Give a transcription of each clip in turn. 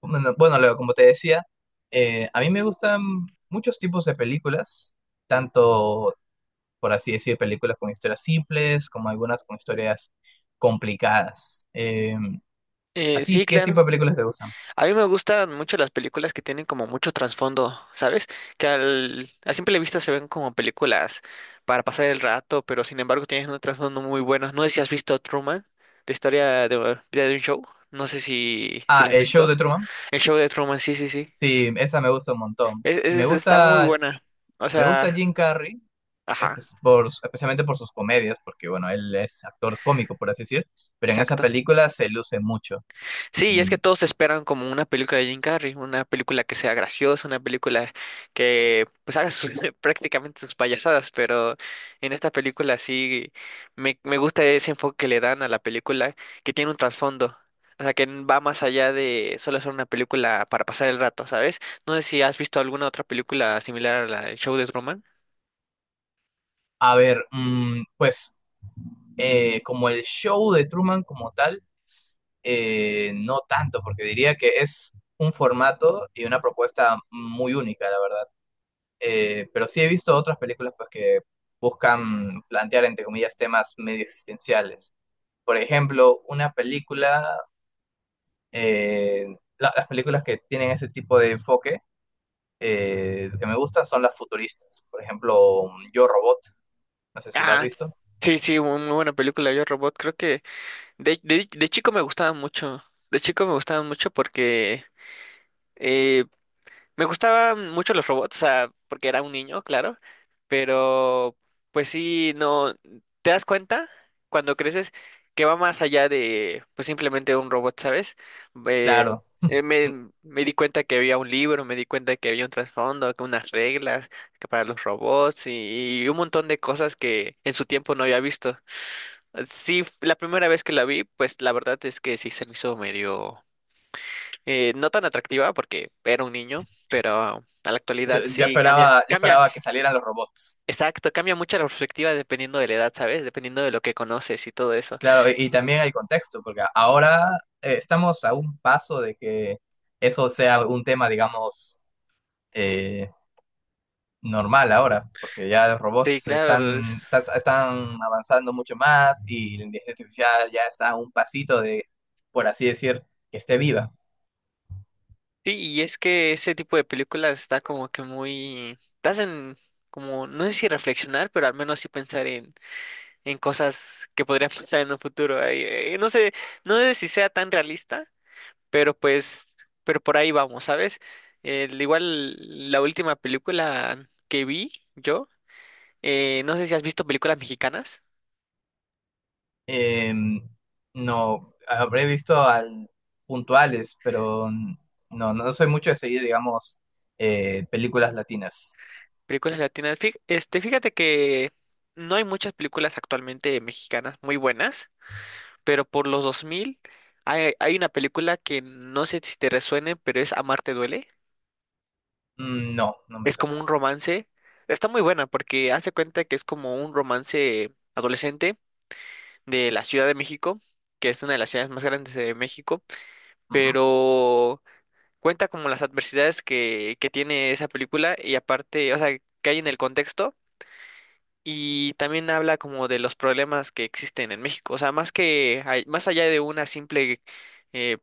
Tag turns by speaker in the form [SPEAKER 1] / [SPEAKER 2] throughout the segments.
[SPEAKER 1] Bueno, bueno, Leo, como te decía, a mí me gustan muchos tipos de películas, tanto, por así decir, películas con historias simples, como algunas con historias complicadas. ¿A
[SPEAKER 2] Eh,
[SPEAKER 1] ti
[SPEAKER 2] sí,
[SPEAKER 1] qué tipo
[SPEAKER 2] claro.
[SPEAKER 1] de películas te gustan?
[SPEAKER 2] A mí me gustan mucho las películas que tienen como mucho trasfondo, ¿sabes? Que a simple vista se ven como películas para pasar el rato, pero sin embargo tienen un trasfondo muy bueno. No sé si has visto Truman, la historia de vida de un show. No sé si
[SPEAKER 1] Ah,
[SPEAKER 2] la has
[SPEAKER 1] El Show
[SPEAKER 2] visto.
[SPEAKER 1] de Truman.
[SPEAKER 2] El Show de Truman, sí, sí, sí.
[SPEAKER 1] Sí, esa me gusta un montón.
[SPEAKER 2] Es, es- está muy buena. O
[SPEAKER 1] Me gusta
[SPEAKER 2] sea,
[SPEAKER 1] Jim Carrey,
[SPEAKER 2] ajá,
[SPEAKER 1] especialmente por sus comedias, porque, bueno, él es actor cómico, por así decir, pero en esa
[SPEAKER 2] exacto.
[SPEAKER 1] película se luce mucho.
[SPEAKER 2] Sí, y es
[SPEAKER 1] Mm.
[SPEAKER 2] que todos esperan como una película de Jim Carrey, una película que sea graciosa, una película que pues haga prácticamente sus payasadas, pero en esta película sí me gusta ese enfoque que le dan a la película, que tiene un trasfondo, o sea, que va más allá de solo ser una película para pasar el rato, ¿sabes? No sé si has visto alguna otra película similar a la del Show de Truman.
[SPEAKER 1] A ver, mm, pues... como el show de Truman como tal, no tanto, porque diría que es un formato y una propuesta muy única, la verdad. Pero sí he visto otras películas pues, que buscan plantear, entre comillas, temas medio existenciales. Por ejemplo, una película, eh, las películas que tienen ese tipo de enfoque que me gustan son las futuristas. Por ejemplo, Yo Robot, no sé si la has
[SPEAKER 2] Ah,
[SPEAKER 1] visto.
[SPEAKER 2] sí, sí, muy, muy buena película, Yo Robot. Creo que de chico me gustaba mucho. De chico me gustaba mucho porque eh, Me gustaban mucho los robots, o sea, porque era un niño, claro, pero pues sí, no, te das cuenta cuando creces que va más allá de pues simplemente un robot, ¿sabes? Eh,
[SPEAKER 1] Claro.
[SPEAKER 2] eh, me, me di cuenta que había un libro, me di cuenta que había un trasfondo, que unas reglas que para los robots y un montón de cosas que en su tiempo no había visto. Sí, la primera vez que la vi, pues la verdad es que sí se me hizo medio no tan atractiva porque era un niño, pero a la actualidad sí cambia,
[SPEAKER 1] Yo
[SPEAKER 2] cambia,
[SPEAKER 1] esperaba que salieran los robots.
[SPEAKER 2] exacto, cambia mucho la perspectiva dependiendo de la edad, ¿sabes? Dependiendo de lo que conoces y todo eso.
[SPEAKER 1] Claro, y, también hay contexto, porque ahora estamos a un paso de que eso sea un tema, digamos, eh, normal ahora, porque ya los
[SPEAKER 2] Sí,
[SPEAKER 1] robots
[SPEAKER 2] claro,
[SPEAKER 1] están avanzando mucho más y la inteligencia artificial ya está a un pasito de, por así decir, que esté viva.
[SPEAKER 2] sí, y es que ese tipo de películas está como que muy, te hacen como, no sé si reflexionar, pero al menos sí pensar en, cosas que podrían pasar en un futuro. Ay, no sé si sea tan realista. pero pues, pero por ahí vamos, ¿sabes? Igual la última película que vi yo, no sé si has visto películas mexicanas,
[SPEAKER 1] Em, no, habré visto al puntuales, pero no, no soy mucho de seguir, digamos, películas latinas.
[SPEAKER 2] películas latinas. Este, fíjate que no hay muchas películas actualmente mexicanas muy buenas, pero por los 2000 hay una película que no sé si te resuene, pero es Amarte duele.
[SPEAKER 1] Mm. No, no me
[SPEAKER 2] Es
[SPEAKER 1] suena.
[SPEAKER 2] como un romance. Está muy buena porque hace cuenta que es como un romance adolescente de la Ciudad de México, que es una de las ciudades más grandes de México,
[SPEAKER 1] Ujú.
[SPEAKER 2] pero cuenta como las adversidades que tiene esa película y aparte, o sea, que hay en el contexto, y también habla como de los problemas que existen en México. O sea, más que, más allá de una simple eh,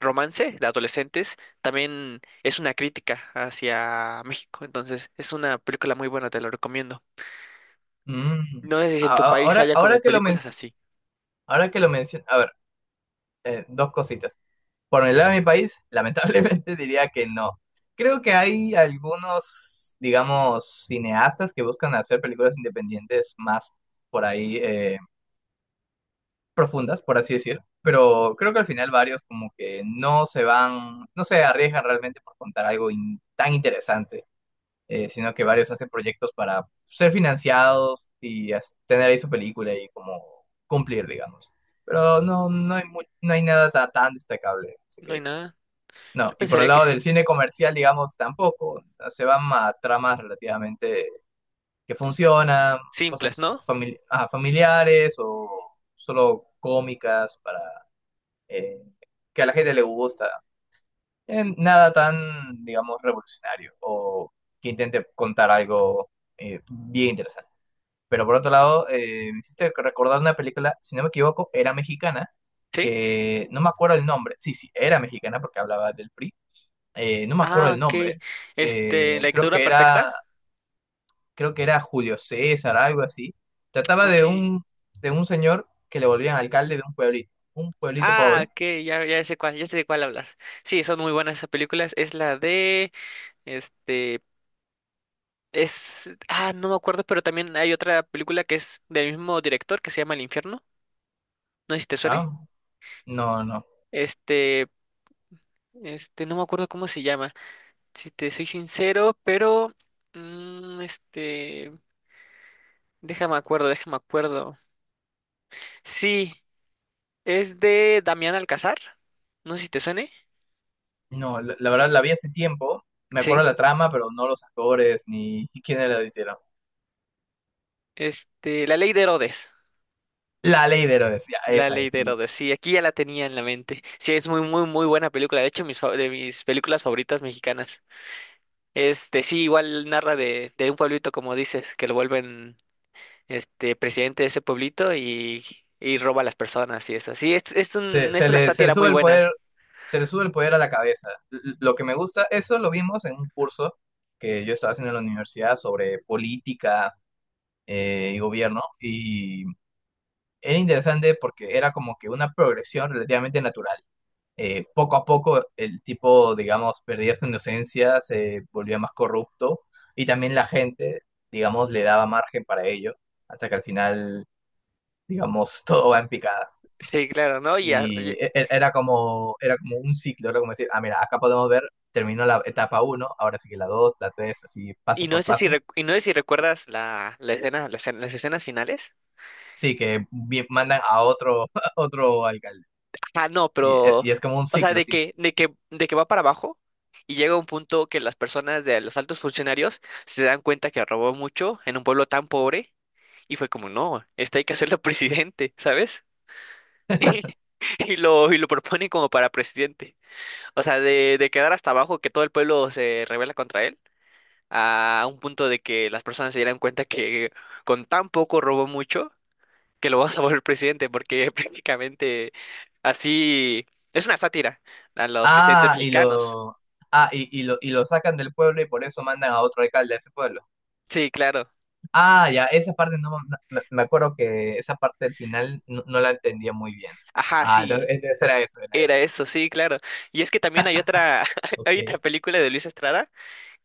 [SPEAKER 2] romance de adolescentes, también es una crítica hacia México. Entonces es una película muy buena, te lo recomiendo.
[SPEAKER 1] Mm.
[SPEAKER 2] No sé si en tu país haya como
[SPEAKER 1] Ahora que
[SPEAKER 2] películas así.
[SPEAKER 1] ahora que lo menciono, a ver, dos cositas. Por el
[SPEAKER 2] Sí,
[SPEAKER 1] lado de mi país, lamentablemente diría que no. Creo que hay algunos, digamos, cineastas que buscan hacer películas independientes más por ahí profundas, por así decir. Pero creo que al final varios como que no se van, no se arriesgan realmente por contar algo tan interesante. Sino que varios hacen proyectos para ser financiados y tener ahí su película y como cumplir, digamos. Pero no, no hay no hay nada tan destacable, así
[SPEAKER 2] no hay
[SPEAKER 1] que
[SPEAKER 2] nada.
[SPEAKER 1] no.
[SPEAKER 2] Yo
[SPEAKER 1] Y por el
[SPEAKER 2] pensaría que
[SPEAKER 1] lado del
[SPEAKER 2] sí.
[SPEAKER 1] cine comercial, digamos, tampoco. Se van a tramas relativamente que funcionan,
[SPEAKER 2] Simples,
[SPEAKER 1] cosas
[SPEAKER 2] ¿no?
[SPEAKER 1] familiares o solo cómicas para eh, que a la gente le gusta en nada tan, digamos, revolucionario o que intente contar algo bien interesante. Pero por otro lado, me hiciste recordar una película, si no me equivoco, era mexicana,
[SPEAKER 2] Sí.
[SPEAKER 1] que no me acuerdo el nombre. Sí, sí, era mexicana porque hablaba del PRI. No me acuerdo
[SPEAKER 2] Ah,
[SPEAKER 1] el
[SPEAKER 2] ok.
[SPEAKER 1] nombre.
[SPEAKER 2] Este, La
[SPEAKER 1] eh, creo
[SPEAKER 2] Dictadura
[SPEAKER 1] que
[SPEAKER 2] Perfecta.
[SPEAKER 1] era, Creo que era Julio César, algo así. Trataba
[SPEAKER 2] Ok.
[SPEAKER 1] de un señor que le volvían alcalde de un pueblito
[SPEAKER 2] Ah,
[SPEAKER 1] pobre.
[SPEAKER 2] ok, ya, sé cuál, ya sé de cuál hablas. Sí, son muy buenas esas películas. Es la de, este, no me acuerdo, pero también hay otra película que es del mismo director que se llama El Infierno. No sé si te suene.
[SPEAKER 1] Ah, no, no.
[SPEAKER 2] Este, no me acuerdo cómo se llama. Si te soy sincero, pero, este, déjame acuerdo. Sí, es de Damián Alcázar. No sé si te suene.
[SPEAKER 1] No, la verdad la vi hace tiempo. Me
[SPEAKER 2] Sí.
[SPEAKER 1] acuerdo la trama, pero no los actores ni quiénes la hicieron.
[SPEAKER 2] Este, La Ley de Herodes.
[SPEAKER 1] La ley de Herodes, ya,
[SPEAKER 2] La
[SPEAKER 1] esa
[SPEAKER 2] Ley
[SPEAKER 1] es,
[SPEAKER 2] de
[SPEAKER 1] sí.
[SPEAKER 2] Herodes, sí, aquí ya la tenía en la mente. Sí, es muy, muy, muy buena película. De hecho, de mis películas favoritas mexicanas. Este, sí, igual narra de, un pueblito, como dices, que lo vuelven este presidente de ese pueblito, y roba a las personas y eso. Sí, es una
[SPEAKER 1] Se le
[SPEAKER 2] sátira
[SPEAKER 1] sube
[SPEAKER 2] muy
[SPEAKER 1] el poder,
[SPEAKER 2] buena.
[SPEAKER 1] se le sube el poder a la cabeza. Lo que me gusta, eso lo vimos en un curso que yo estaba haciendo en la universidad sobre política y gobierno. Y era interesante porque era como que una progresión relativamente natural. Poco a poco el tipo, digamos, perdía su inocencia, se volvía más corrupto y también la gente, digamos, le daba margen para ello, hasta que al final, digamos, todo va en picada.
[SPEAKER 2] Sí, claro, ¿no? Y, a- y,
[SPEAKER 1] Y era como un ciclo, era como decir, ah, mira, acá podemos ver, terminó la etapa uno, ahora sigue la dos, la tres, así
[SPEAKER 2] y
[SPEAKER 1] paso por paso.
[SPEAKER 2] no sé si recuerdas las escenas finales.
[SPEAKER 1] Sí, que mandan a otro, a otro alcalde.
[SPEAKER 2] Ah, no,
[SPEAKER 1] Y,
[SPEAKER 2] pero,
[SPEAKER 1] y es como un
[SPEAKER 2] o sea,
[SPEAKER 1] ciclo
[SPEAKER 2] de
[SPEAKER 1] sin.
[SPEAKER 2] que, de que, de que va para abajo, y llega un punto que las personas de los altos funcionarios se dan cuenta que robó mucho en un pueblo tan pobre, y fue como, no, este hay que hacerlo presidente, ¿sabes? Y lo propone como para presidente. O sea, de quedar hasta abajo, que todo el pueblo se rebela contra él, a un punto de que las personas se dieran cuenta que con tan poco robó mucho, que lo vas a volver presidente, porque prácticamente así es una sátira a los presidentes
[SPEAKER 1] Ah, y
[SPEAKER 2] mexicanos.
[SPEAKER 1] lo, ah, y, y lo sacan del pueblo y por eso mandan a otro alcalde a ese pueblo.
[SPEAKER 2] Sí, claro.
[SPEAKER 1] Ah, ya, esa parte no me acuerdo que esa parte del final no, no la entendía muy bien.
[SPEAKER 2] Ajá,
[SPEAKER 1] Ah,
[SPEAKER 2] sí,
[SPEAKER 1] entonces era eso, era
[SPEAKER 2] era
[SPEAKER 1] eso.
[SPEAKER 2] eso, sí, claro. Y es que también hay otra, hay otra
[SPEAKER 1] Ok,
[SPEAKER 2] película de Luis Estrada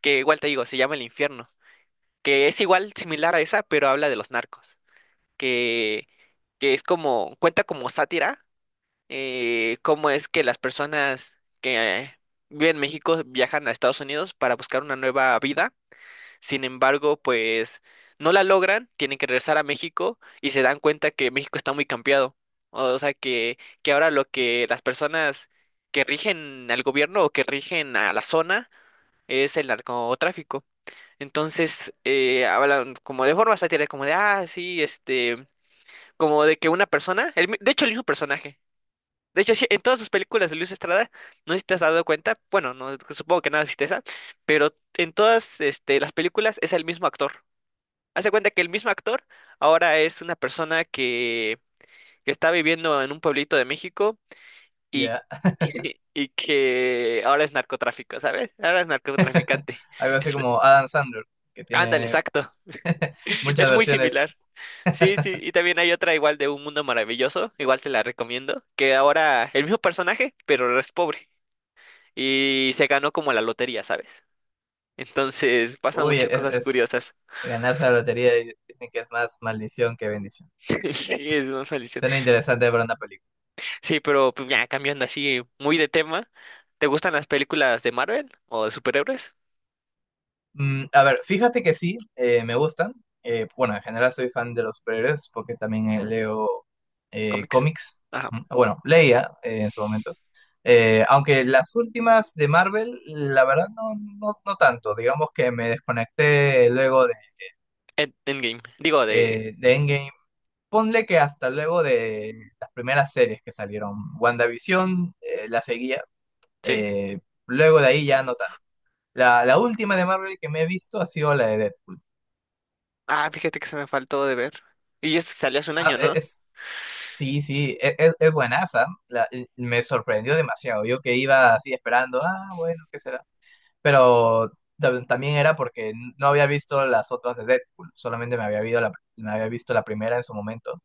[SPEAKER 2] que igual te digo, se llama El Infierno, que es igual similar a esa, pero habla de los narcos, que, que es como, cuenta como sátira, cómo es que las personas que viven en México viajan a Estados Unidos para buscar una nueva vida. Sin embargo, pues no la logran, tienen que regresar a México y se dan cuenta que México está muy cambiado. O sea, que ahora lo que las personas que rigen al gobierno o que rigen a la zona es el narcotráfico. Entonces, hablan como de forma satírica, como de, sí, este, como de que una persona, de hecho, el mismo personaje. De hecho, sí, en todas sus películas de Luis Estrada, no sé si te has dado cuenta, bueno, no, supongo que nada viste esa, pero en todas este, las películas es el mismo actor. Haz de cuenta que el mismo actor ahora es una persona que está viviendo en un pueblito de México y,
[SPEAKER 1] ya.
[SPEAKER 2] y que ahora es narcotráfico, ¿sabes? Ahora es narcotraficante.
[SPEAKER 1] Algo así como Adam Sandler, que
[SPEAKER 2] Ándale,
[SPEAKER 1] tiene
[SPEAKER 2] exacto.
[SPEAKER 1] muchas
[SPEAKER 2] Es muy
[SPEAKER 1] versiones.
[SPEAKER 2] similar. Sí, sí, y también hay otra igual de Un Mundo Maravilloso, igual te la recomiendo, que ahora el mismo personaje, pero ahora es pobre y se ganó como la lotería, ¿sabes? Entonces pasan
[SPEAKER 1] Uy,
[SPEAKER 2] muchas
[SPEAKER 1] es,
[SPEAKER 2] cosas
[SPEAKER 1] es-
[SPEAKER 2] curiosas.
[SPEAKER 1] Ganarse la lotería y dicen que es más maldición que bendición.
[SPEAKER 2] Sí, es muy
[SPEAKER 1] Suena interesante para una película.
[SPEAKER 2] Sí, pero pues, ya cambiando así muy de tema, ¿te gustan las películas de Marvel o de superhéroes?
[SPEAKER 1] Mm, a ver, fíjate que sí, me gustan. Bueno, en general soy fan de los superhéroes porque también leo
[SPEAKER 2] Cómics.
[SPEAKER 1] cómics.
[SPEAKER 2] Ajá.
[SPEAKER 1] Mm. Bueno, leía en su momento. Aunque las últimas de Marvel, la verdad no, no tanto. Digamos que me desconecté luego
[SPEAKER 2] Endgame. Digo, de...
[SPEAKER 1] de Endgame. Ponle que hasta luego de las primeras series que salieron. WandaVision la seguía.
[SPEAKER 2] Sí.
[SPEAKER 1] eh, Luego de ahí ya no tanto. La última de Marvel que me he visto ha sido la de Deadpool.
[SPEAKER 2] Ah, fíjate que se me faltó de ver. Y esto salió hace un
[SPEAKER 1] Ah,
[SPEAKER 2] año,
[SPEAKER 1] e-
[SPEAKER 2] ¿no?
[SPEAKER 1] es, Sí, sí, es buenaza. Me sorprendió demasiado. Yo que iba así esperando, ah, bueno, ¿qué será? Pero también era porque no había visto las otras de Deadpool, solamente me había visto la primera en su momento.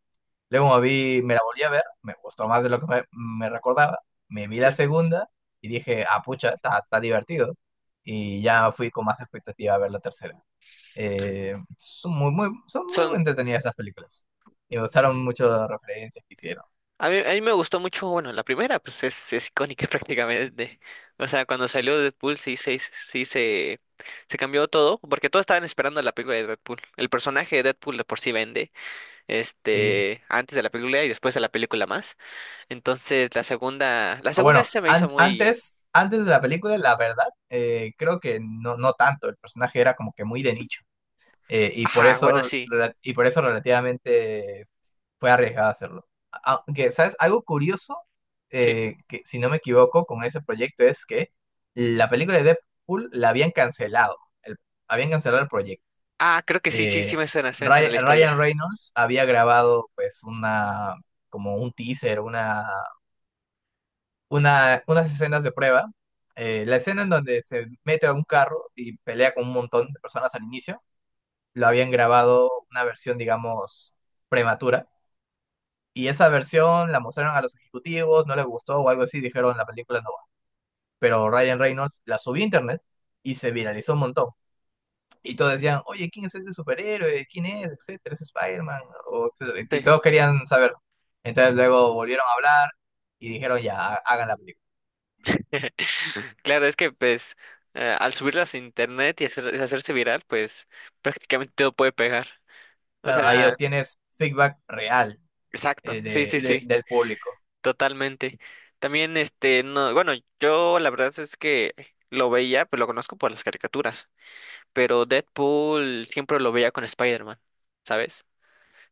[SPEAKER 1] Luego me vi, me la volví a ver, me gustó más de lo que me recordaba. Me vi la
[SPEAKER 2] Sí.
[SPEAKER 1] segunda y dije, ah, pucha, está divertido. Y ya fui con más expectativa a ver la tercera. Son son muy
[SPEAKER 2] Son...
[SPEAKER 1] entretenidas esas películas. Y me gustaron mucho las referencias que hicieron.
[SPEAKER 2] A mí me gustó mucho, bueno, la primera, pues es icónica prácticamente. O sea, cuando salió Deadpool sí, sí, se, se cambió todo, porque todos estaban esperando la película de Deadpool. El personaje de Deadpool de por sí vende,
[SPEAKER 1] Sí.
[SPEAKER 2] este, antes de la película y después de la película más. Entonces la segunda, la
[SPEAKER 1] Ah,
[SPEAKER 2] segunda
[SPEAKER 1] bueno,
[SPEAKER 2] se me hizo muy,
[SPEAKER 1] antes, antes de la película, la verdad, creo que no, no tanto. El personaje era como que muy de nicho.
[SPEAKER 2] ajá, bueno, sí,
[SPEAKER 1] Y por eso relativamente fue arriesgado hacerlo. A- Aunque, ¿sabes? Algo curioso,
[SPEAKER 2] sí.
[SPEAKER 1] que si no me equivoco, con ese proyecto es que la película de Deadpool la habían cancelado. el- Habían cancelado el proyecto.
[SPEAKER 2] Ah, creo que sí, sí, sí
[SPEAKER 1] Eh,
[SPEAKER 2] me suena, se me suena la historia.
[SPEAKER 1] Ryan Reynolds había grabado pues una, como un teaser, unas escenas de prueba. La escena en donde se mete a un carro y pelea con un montón de personas al inicio, lo habían grabado una versión, digamos, prematura. Y esa versión la mostraron a los ejecutivos, no les gustó o algo así, dijeron la película no va. Pero Ryan Reynolds la subió a internet y se viralizó un montón. Y todos decían, oye, ¿quién es ese superhéroe? ¿Quién es? Etcétera, es Spider-Man, o etcétera. Y
[SPEAKER 2] Sí.
[SPEAKER 1] todos querían saberlo. Entonces luego volvieron a hablar y dijeron, ya, hagan la película.
[SPEAKER 2] Claro, es que pues al subirlas a internet y hacerse viral, pues prácticamente todo puede pegar. O
[SPEAKER 1] Claro, ahí
[SPEAKER 2] sea,
[SPEAKER 1] obtienes feedback real
[SPEAKER 2] exacto, sí, sí, sí,
[SPEAKER 1] del público.
[SPEAKER 2] totalmente. También este, no, bueno, yo la verdad es que lo veía, pues lo conozco por las caricaturas, pero Deadpool siempre lo veía con Spider-Man, ¿sabes?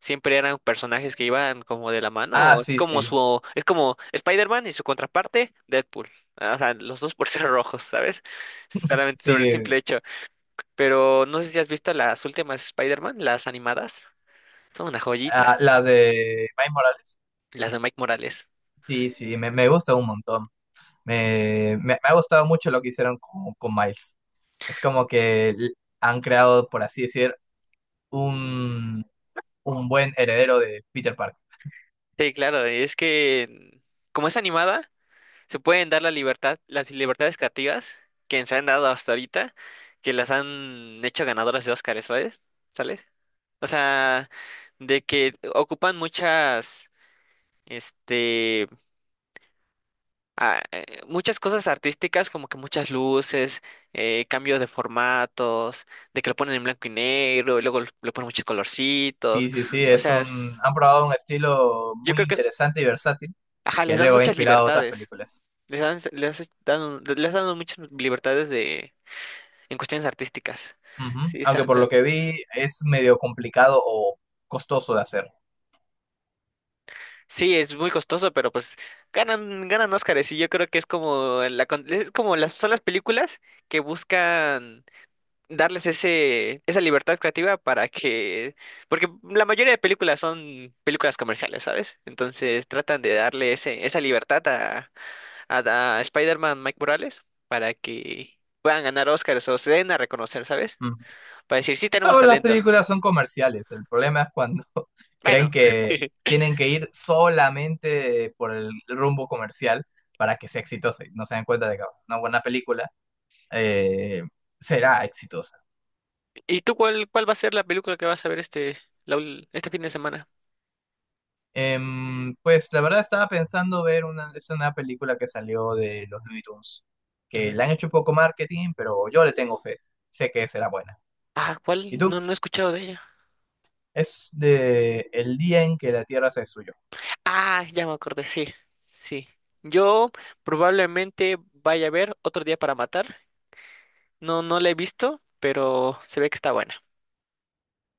[SPEAKER 2] Siempre eran personajes que iban como de la
[SPEAKER 1] Ah,
[SPEAKER 2] mano. Es
[SPEAKER 1] sí,
[SPEAKER 2] como
[SPEAKER 1] sí,
[SPEAKER 2] su, es como Spider-Man y su contraparte, Deadpool. Ah, o sea, los dos por ser rojos, ¿sabes? Solamente
[SPEAKER 1] sí.
[SPEAKER 2] sobre el simple hecho. Pero no sé si has visto las últimas Spider-Man, las animadas. Son una joyita,
[SPEAKER 1] Ah, las de Miles Morales.
[SPEAKER 2] las de Mike Morales.
[SPEAKER 1] Sí, sí, me gusta un montón. Me- me ha gustado mucho lo que hicieron con Miles. Es como que han creado, por así decir, un, un buen heredero de Peter Parker.
[SPEAKER 2] Sí, claro, es que como es animada, se pueden dar la libertad, las libertades creativas que se han dado hasta ahorita, que las han hecho ganadoras de Óscar, ¿sabes? ¿Sales? O sea, de que ocupan muchas, este, muchas cosas artísticas, como que muchas luces, cambios de formatos, de que lo ponen en blanco y negro, y luego lo ponen muchos
[SPEAKER 1] Sí,
[SPEAKER 2] colorcitos.
[SPEAKER 1] sí, sí,
[SPEAKER 2] O
[SPEAKER 1] es
[SPEAKER 2] sea,
[SPEAKER 1] un, han probado un estilo
[SPEAKER 2] yo
[SPEAKER 1] muy
[SPEAKER 2] creo que
[SPEAKER 1] interesante y versátil
[SPEAKER 2] ajá,
[SPEAKER 1] que
[SPEAKER 2] les dan
[SPEAKER 1] luego ha
[SPEAKER 2] muchas
[SPEAKER 1] inspirado a otras
[SPEAKER 2] libertades.
[SPEAKER 1] películas.
[SPEAKER 2] Les dan muchas libertades en cuestiones artísticas.
[SPEAKER 1] Ujú.
[SPEAKER 2] Sí,
[SPEAKER 1] Aunque
[SPEAKER 2] están,
[SPEAKER 1] por lo que vi es medio complicado o costoso de hacer.
[SPEAKER 2] sí, es muy costoso, pero pues ganan Óscares, y yo creo que es como la, es como las son las películas que buscan darles ese esa libertad creativa para que porque la mayoría de películas son películas comerciales, ¿sabes? Entonces tratan de darle ese esa libertad a Spider-Man Mike Morales para que puedan ganar Óscares o se den a reconocer, ¿sabes?
[SPEAKER 1] Ujú.
[SPEAKER 2] Para decir, sí tenemos
[SPEAKER 1] Todas las
[SPEAKER 2] talento.
[SPEAKER 1] películas son comerciales. El problema es cuando creen
[SPEAKER 2] Bueno.
[SPEAKER 1] que tienen que ir solamente por el rumbo comercial para que sea exitosa y no se dan cuenta de que una buena película eh, será exitosa.
[SPEAKER 2] ¿Y tú cuál va a ser la película que vas a ver este fin de semana?
[SPEAKER 1] Pues la verdad estaba pensando ver una, es una película que salió de los Looney Tunes, que
[SPEAKER 2] Ujú.
[SPEAKER 1] le han hecho poco marketing, pero yo le tengo fe. Sé que será buena.
[SPEAKER 2] Ah,
[SPEAKER 1] ¿Y
[SPEAKER 2] ¿cuál?
[SPEAKER 1] tú?
[SPEAKER 2] No, no he escuchado de ella.
[SPEAKER 1] Es de el día en que la Tierra se destruyó.
[SPEAKER 2] Ah, ya me acordé, sí, sí. Yo probablemente vaya a ver Otro Día para Matar. No, no la he visto, pero se ve que está buena.